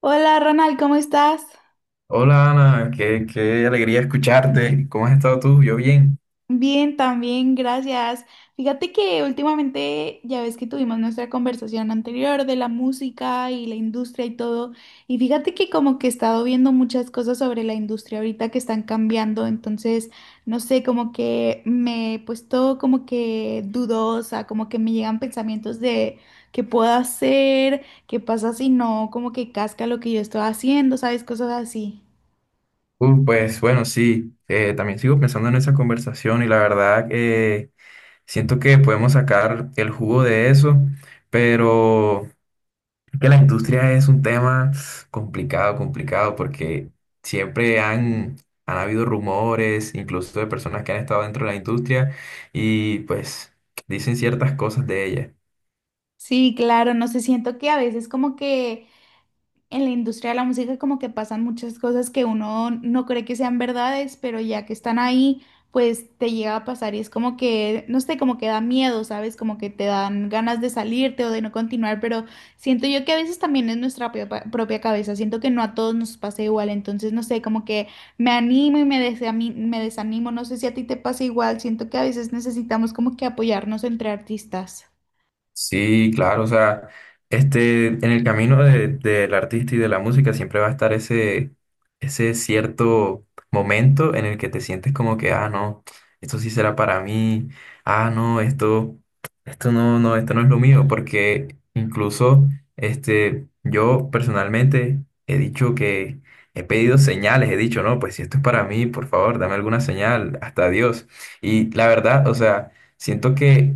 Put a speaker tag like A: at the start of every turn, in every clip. A: Hola Ronald, ¿cómo estás?
B: Hola Ana, qué alegría escucharte. ¿Cómo has estado tú? Yo bien.
A: Bien, también, gracias. Fíjate que últimamente ya ves que tuvimos nuestra conversación anterior de la música y la industria y todo, y fíjate que como que he estado viendo muchas cosas sobre la industria ahorita que están cambiando, entonces, no sé, como que me he puesto como que dudosa, como que me llegan pensamientos de qué puedo hacer, qué pasa si no, como que casca lo que yo estoy haciendo, ¿sabes? Cosas así.
B: Pues bueno, sí, también sigo pensando en esa conversación y la verdad siento que podemos sacar el jugo de eso, pero es que la industria es un tema complicado, complicado, porque siempre han habido rumores, incluso de personas que han estado dentro de la industria y pues dicen ciertas cosas de ella.
A: Sí, claro, no sé, siento que a veces como que en la industria de la música como que pasan muchas cosas que uno no cree que sean verdades, pero ya que están ahí, pues te llega a pasar y es como que, no sé, como que da miedo, ¿sabes? Como que te dan ganas de salirte o de no continuar, pero siento yo que a veces también es nuestra propia cabeza, siento que no a todos nos pasa igual, entonces no sé, como que me animo y me desanimo, no sé si a ti te pasa igual, siento que a veces necesitamos como que apoyarnos entre artistas.
B: Sí, claro, o sea, este, en el camino del artista y de la música siempre va a estar ese cierto momento en el que te sientes como que, ah, no, esto sí será para mí, ah, no, esto no, no, esto no es lo mío, porque incluso, este, yo personalmente he dicho que he pedido señales, he dicho, no, pues si esto es para mí, por favor, dame alguna señal, hasta Dios. Y la verdad, o sea, siento que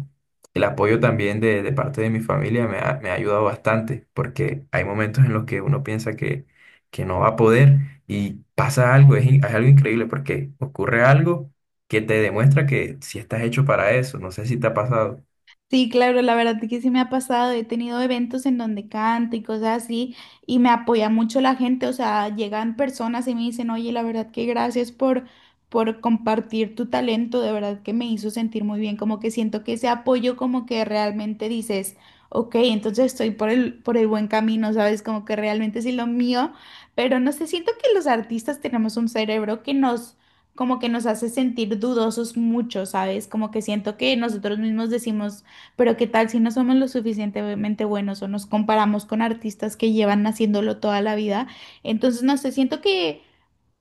B: el apoyo también de parte de mi familia me me ha ayudado bastante, porque hay momentos en los que uno piensa que no va a poder y pasa algo, es algo increíble, porque ocurre algo que te demuestra que si estás hecho para eso, no sé si te ha pasado.
A: Sí, claro, la verdad es que sí me ha pasado, he tenido eventos en donde canto y cosas así y me apoya mucho la gente, o sea, llegan personas y me dicen, oye, la verdad que gracias por compartir tu talento, de verdad que me hizo sentir muy bien, como que siento que ese apoyo como que realmente dices, ok, entonces estoy por el buen camino, ¿sabes? Como que realmente sí lo mío, pero no sé, siento que los artistas tenemos un cerebro que nos como que nos hace sentir dudosos mucho, ¿sabes? Como que siento que nosotros mismos decimos pero qué tal si no somos lo suficientemente buenos o nos comparamos con artistas que llevan haciéndolo toda la vida. Entonces, no sé,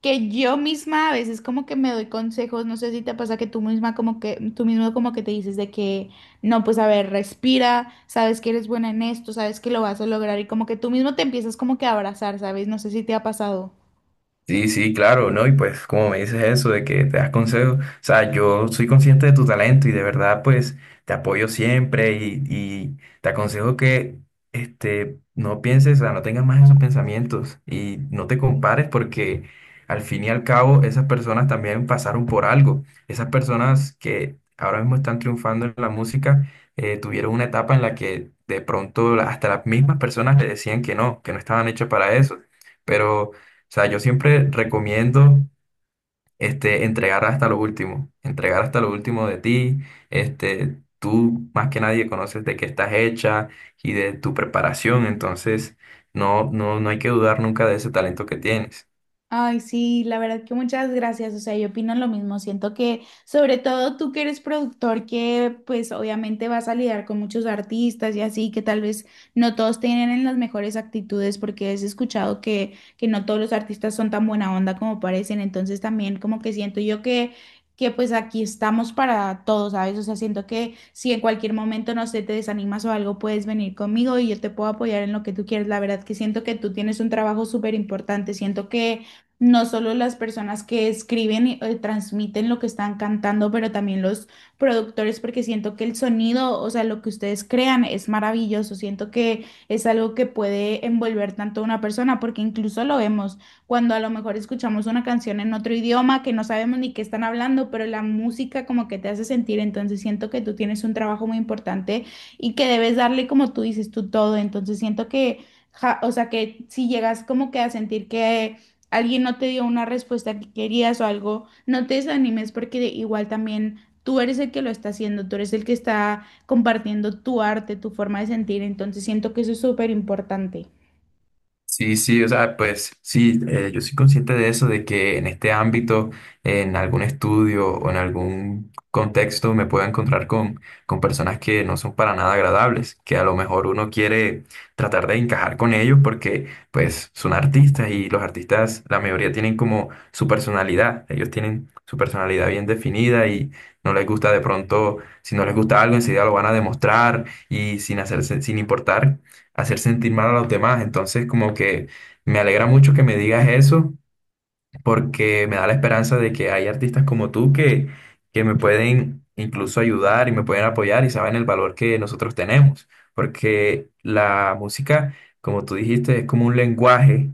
A: que yo misma a veces como que me doy consejos, no sé si te pasa que tú misma tú mismo como que te no, pues a ver, respira, sabes que eres buena en esto, sabes que lo vas a lograr y como que tú mismo te empiezas como que a abrazar, ¿sabes? No sé si te ha pasado.
B: Sí, sí, claro, ¿no? Y pues como me dices eso de que te das consejos, o sea, yo soy consciente de tu talento y de verdad pues te apoyo siempre y te aconsejo que este, no pienses, o sea, no tengas más esos pensamientos y no te compares porque al fin y al cabo esas personas también pasaron por algo. Esas personas que ahora mismo están triunfando en la música tuvieron una etapa en la que de pronto hasta las mismas personas le decían que no estaban hechas para eso, pero sea, yo siempre recomiendo este, entregar hasta lo último, entregar hasta lo último de ti. Este, tú más que nadie conoces de qué estás hecha y de tu preparación, entonces no, no, no hay que dudar nunca de ese talento que tienes.
A: Ay, sí, la verdad que muchas gracias. O sea, yo opino lo mismo. Siento que, sobre todo tú que eres productor, que pues obviamente vas a lidiar con muchos artistas y así, que tal vez no todos tienen las mejores actitudes, porque has escuchado que no todos los artistas son tan buena onda como parecen. Entonces también como que siento yo que pues aquí estamos para todos, ¿sabes? O sea, siento que si en cualquier momento, no sé, te desanimas o algo, puedes venir conmigo y yo te puedo apoyar en lo que tú quieres. La verdad que siento que tú tienes un trabajo súper importante. Siento que no solo las personas que escriben y transmiten lo que están cantando, pero también los productores, porque siento que el sonido, o sea, lo que ustedes crean es maravilloso. Siento que es algo que puede envolver tanto a una persona, porque incluso lo vemos cuando a lo mejor escuchamos una canción en otro idioma que no sabemos ni qué están hablando, pero la música como que te hace sentir. Entonces siento que tú tienes un trabajo muy importante y que debes darle, como tú dices, tú todo. Entonces siento o sea, que si llegas como que a sentir que alguien no te dio una respuesta que querías o algo, no te desanimes igual también tú eres el que lo está haciendo, tú eres el que está compartiendo tu arte, tu forma de sentir, entonces siento que eso es súper importante.
B: Sí, sí, o sea, pues sí, yo soy consciente de eso, de que en este ámbito, en algún estudio o en algún contexto me puedo encontrar con personas que no son para nada agradables, que a lo mejor uno quiere tratar de encajar con ellos porque pues son artistas y los artistas, la mayoría tienen como su personalidad, ellos tienen su personalidad bien definida y no les gusta de pronto, si no les gusta algo, enseguida lo van a demostrar y sin hacerse, sin importar hacer sentir mal a los demás. Entonces, como que me alegra mucho que me digas eso porque me da la esperanza de que hay artistas como tú que me pueden incluso ayudar y me pueden apoyar y saben el valor que nosotros tenemos, porque la música, como tú dijiste, es como un lenguaje,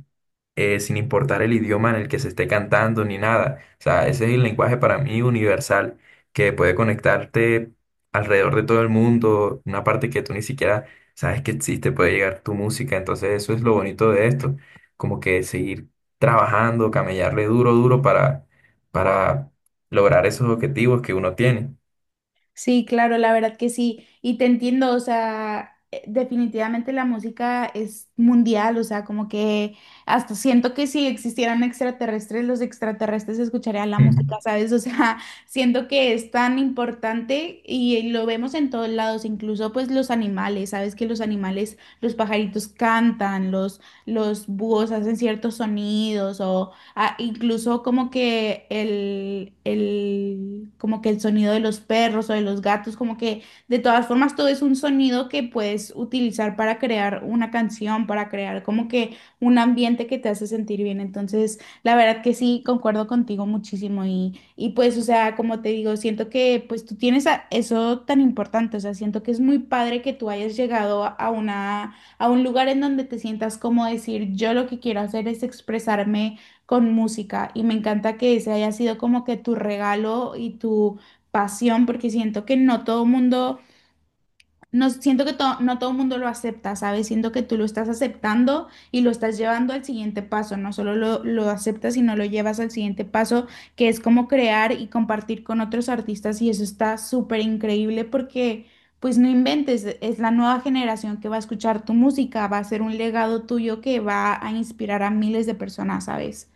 B: sin importar el idioma en el que se esté cantando ni nada. O sea, ese es el lenguaje para mí universal, que puede conectarte alrededor de todo el mundo, una parte que tú ni siquiera sabes que existe, puede llegar tu música, entonces eso es lo bonito de esto como que seguir trabajando, camellarle duro, duro para lograr esos objetivos que uno tiene.
A: Sí, claro, la verdad que sí. Y te entiendo, o sea, definitivamente la música es mundial, o sea, como que hasta siento que si existieran extraterrestres, los extraterrestres escucharían la música,
B: Ujú.
A: ¿sabes? O sea, siento que es tan importante y lo vemos en todos lados, incluso pues los animales, ¿sabes? Que los animales, los pajaritos cantan, los búhos hacen ciertos sonidos. Ah, incluso como que como que el sonido de los perros o de los gatos, como que de todas formas todo es un sonido que puedes utilizar para crear una canción, para crear como que un ambiente que te hace sentir bien. Entonces, la verdad que sí, concuerdo contigo muchísimo y pues, o sea, como te digo, siento que pues tú eso tan importante, o sea, siento que es muy padre que tú hayas llegado a una, a un lugar en donde te sientas como decir, yo lo que quiero hacer es expresarme con música y me encanta que ese haya sido como que tu regalo y tu pasión porque siento que no todo mundo, no siento que no todo mundo lo acepta, ¿sabes? Siento que tú lo estás aceptando y lo estás llevando al siguiente paso, no solo lo aceptas, sino lo llevas al siguiente paso que es como crear y compartir con otros artistas y eso está súper increíble porque... Pues no inventes, es la nueva generación que va a escuchar tu música, va a ser un legado tuyo que va a inspirar a miles de personas, ¿sabes?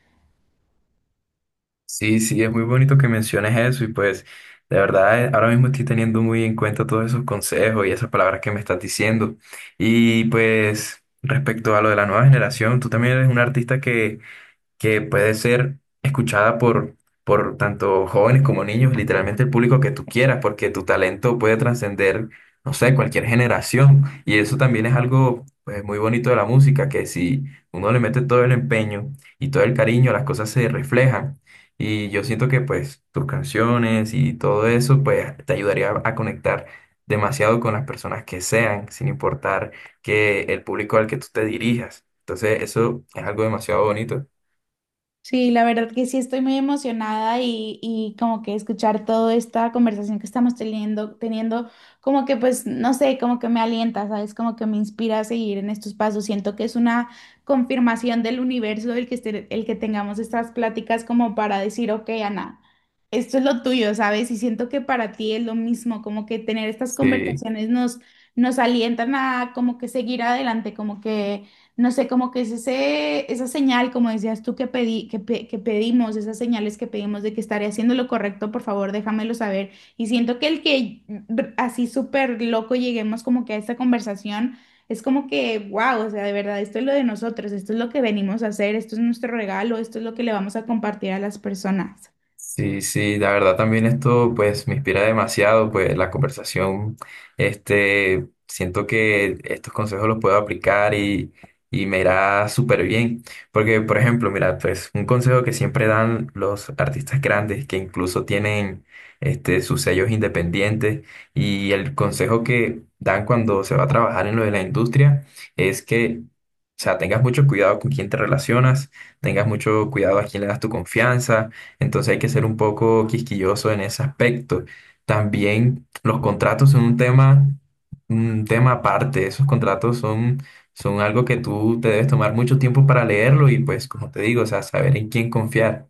B: Sí, sí, es muy bonito que menciones eso y pues de verdad ahora mismo estoy teniendo muy en cuenta todos esos consejos y esas palabras que me estás diciendo. Y pues respecto a lo de la nueva generación, tú también eres un artista que puede ser escuchada por tanto jóvenes como niños, literalmente el público que tú quieras, porque tu talento puede trascender, no sé, cualquier generación. Y eso también es algo pues, muy bonito de la música, que si uno le mete todo el empeño y todo el cariño, las cosas se reflejan. Y yo siento que pues tus canciones y todo eso pues te ayudaría a conectar demasiado con las personas que sean, sin importar que el público al que tú te dirijas. Entonces, eso es algo demasiado bonito.
A: Sí, la verdad que sí estoy muy emocionada y como que escuchar toda esta conversación que estamos teniendo, como que pues, no sé, como que me alienta, ¿sabes? Como que me inspira a seguir en estos pasos. Siento que es una confirmación del universo el el que tengamos estas pláticas como para decir, ok, Ana, esto es lo tuyo, ¿sabes? Y siento que para ti es lo mismo, como que tener estas
B: Sí,
A: conversaciones nos, nos alientan a como que seguir adelante, como que no sé, como que es esa señal, como decías tú, que que pedimos, esas señales que pedimos de que estaré haciendo lo correcto, por favor, déjamelo saber. Y siento que el así súper loco lleguemos como que a esta conversación, es como que, wow, o sea, de verdad, esto es lo de nosotros, esto es lo que venimos a hacer, esto es nuestro regalo, esto es lo que le vamos a compartir a las personas.
B: sí, sí, la verdad también esto pues me inspira demasiado, pues la conversación, este, siento que estos consejos los puedo aplicar y me irá súper bien, porque por ejemplo, mira, pues un consejo que siempre dan los artistas grandes que incluso tienen este, sus sellos independientes y el consejo que dan cuando se va a trabajar en lo de la industria es que, o sea, tengas mucho cuidado con quién te relacionas, tengas mucho cuidado a quién le das tu confianza. Entonces hay que ser un poco quisquilloso en ese aspecto. También los contratos son un tema aparte. Esos contratos son algo que tú te debes tomar mucho tiempo para leerlo y pues, como te digo, o sea, saber en quién confiar.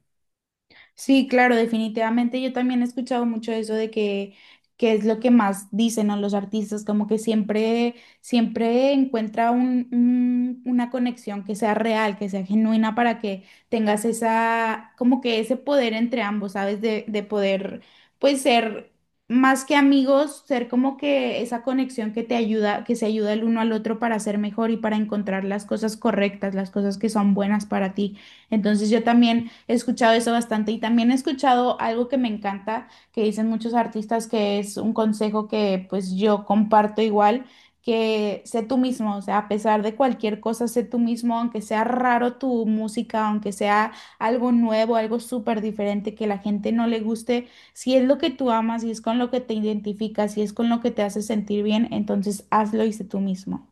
A: Sí, claro, definitivamente. Yo también he escuchado mucho eso que es lo que más dicen a los artistas, como que siempre, siempre encuentra una conexión que sea real, que sea genuina para que tengas esa, como que ese poder entre ambos, ¿sabes? De poder, pues, ser más que amigos, ser como que esa conexión que te ayuda, que se ayuda el uno al otro para ser mejor y para encontrar las cosas correctas, las cosas que son buenas para ti. Entonces yo también he escuchado eso bastante y también he escuchado algo que me encanta, que dicen muchos artistas, que es un consejo que pues yo comparto igual, que sé tú mismo, o sea, a pesar de cualquier cosa, sé tú mismo, aunque sea raro tu música, aunque sea algo nuevo, algo súper diferente que la gente no le guste, si es lo que tú amas, si es con lo que te identificas, si es con lo que te hace sentir bien, entonces hazlo y sé tú mismo.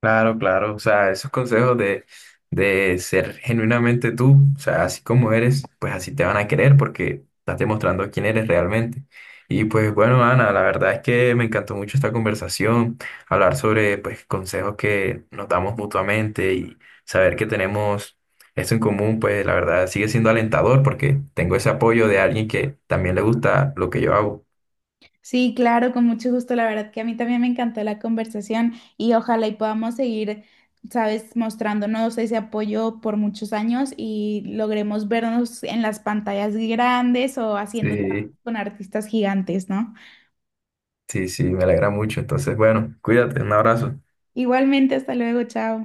B: Claro, claro, o sea, esos consejos de ser genuinamente tú, o sea, así como eres, pues así te van a querer porque estás demostrando quién eres realmente. Y pues bueno, Ana, la verdad es que me encantó mucho esta conversación, hablar sobre pues consejos que nos damos mutuamente y saber que tenemos esto en común, pues la verdad sigue siendo alentador porque tengo ese apoyo de alguien que también le gusta lo que yo hago.
A: Sí, claro, con mucho gusto. La verdad que a mí también me encantó la conversación y ojalá y podamos seguir, sabes, mostrándonos ese apoyo por muchos años y logremos vernos en las pantallas grandes o haciendo
B: Sí,
A: trabajos con artistas gigantes, ¿no?
B: sí, sí, me alegra mucho. Entonces, bueno, cuídate, un abrazo.
A: Igualmente, hasta luego, chao.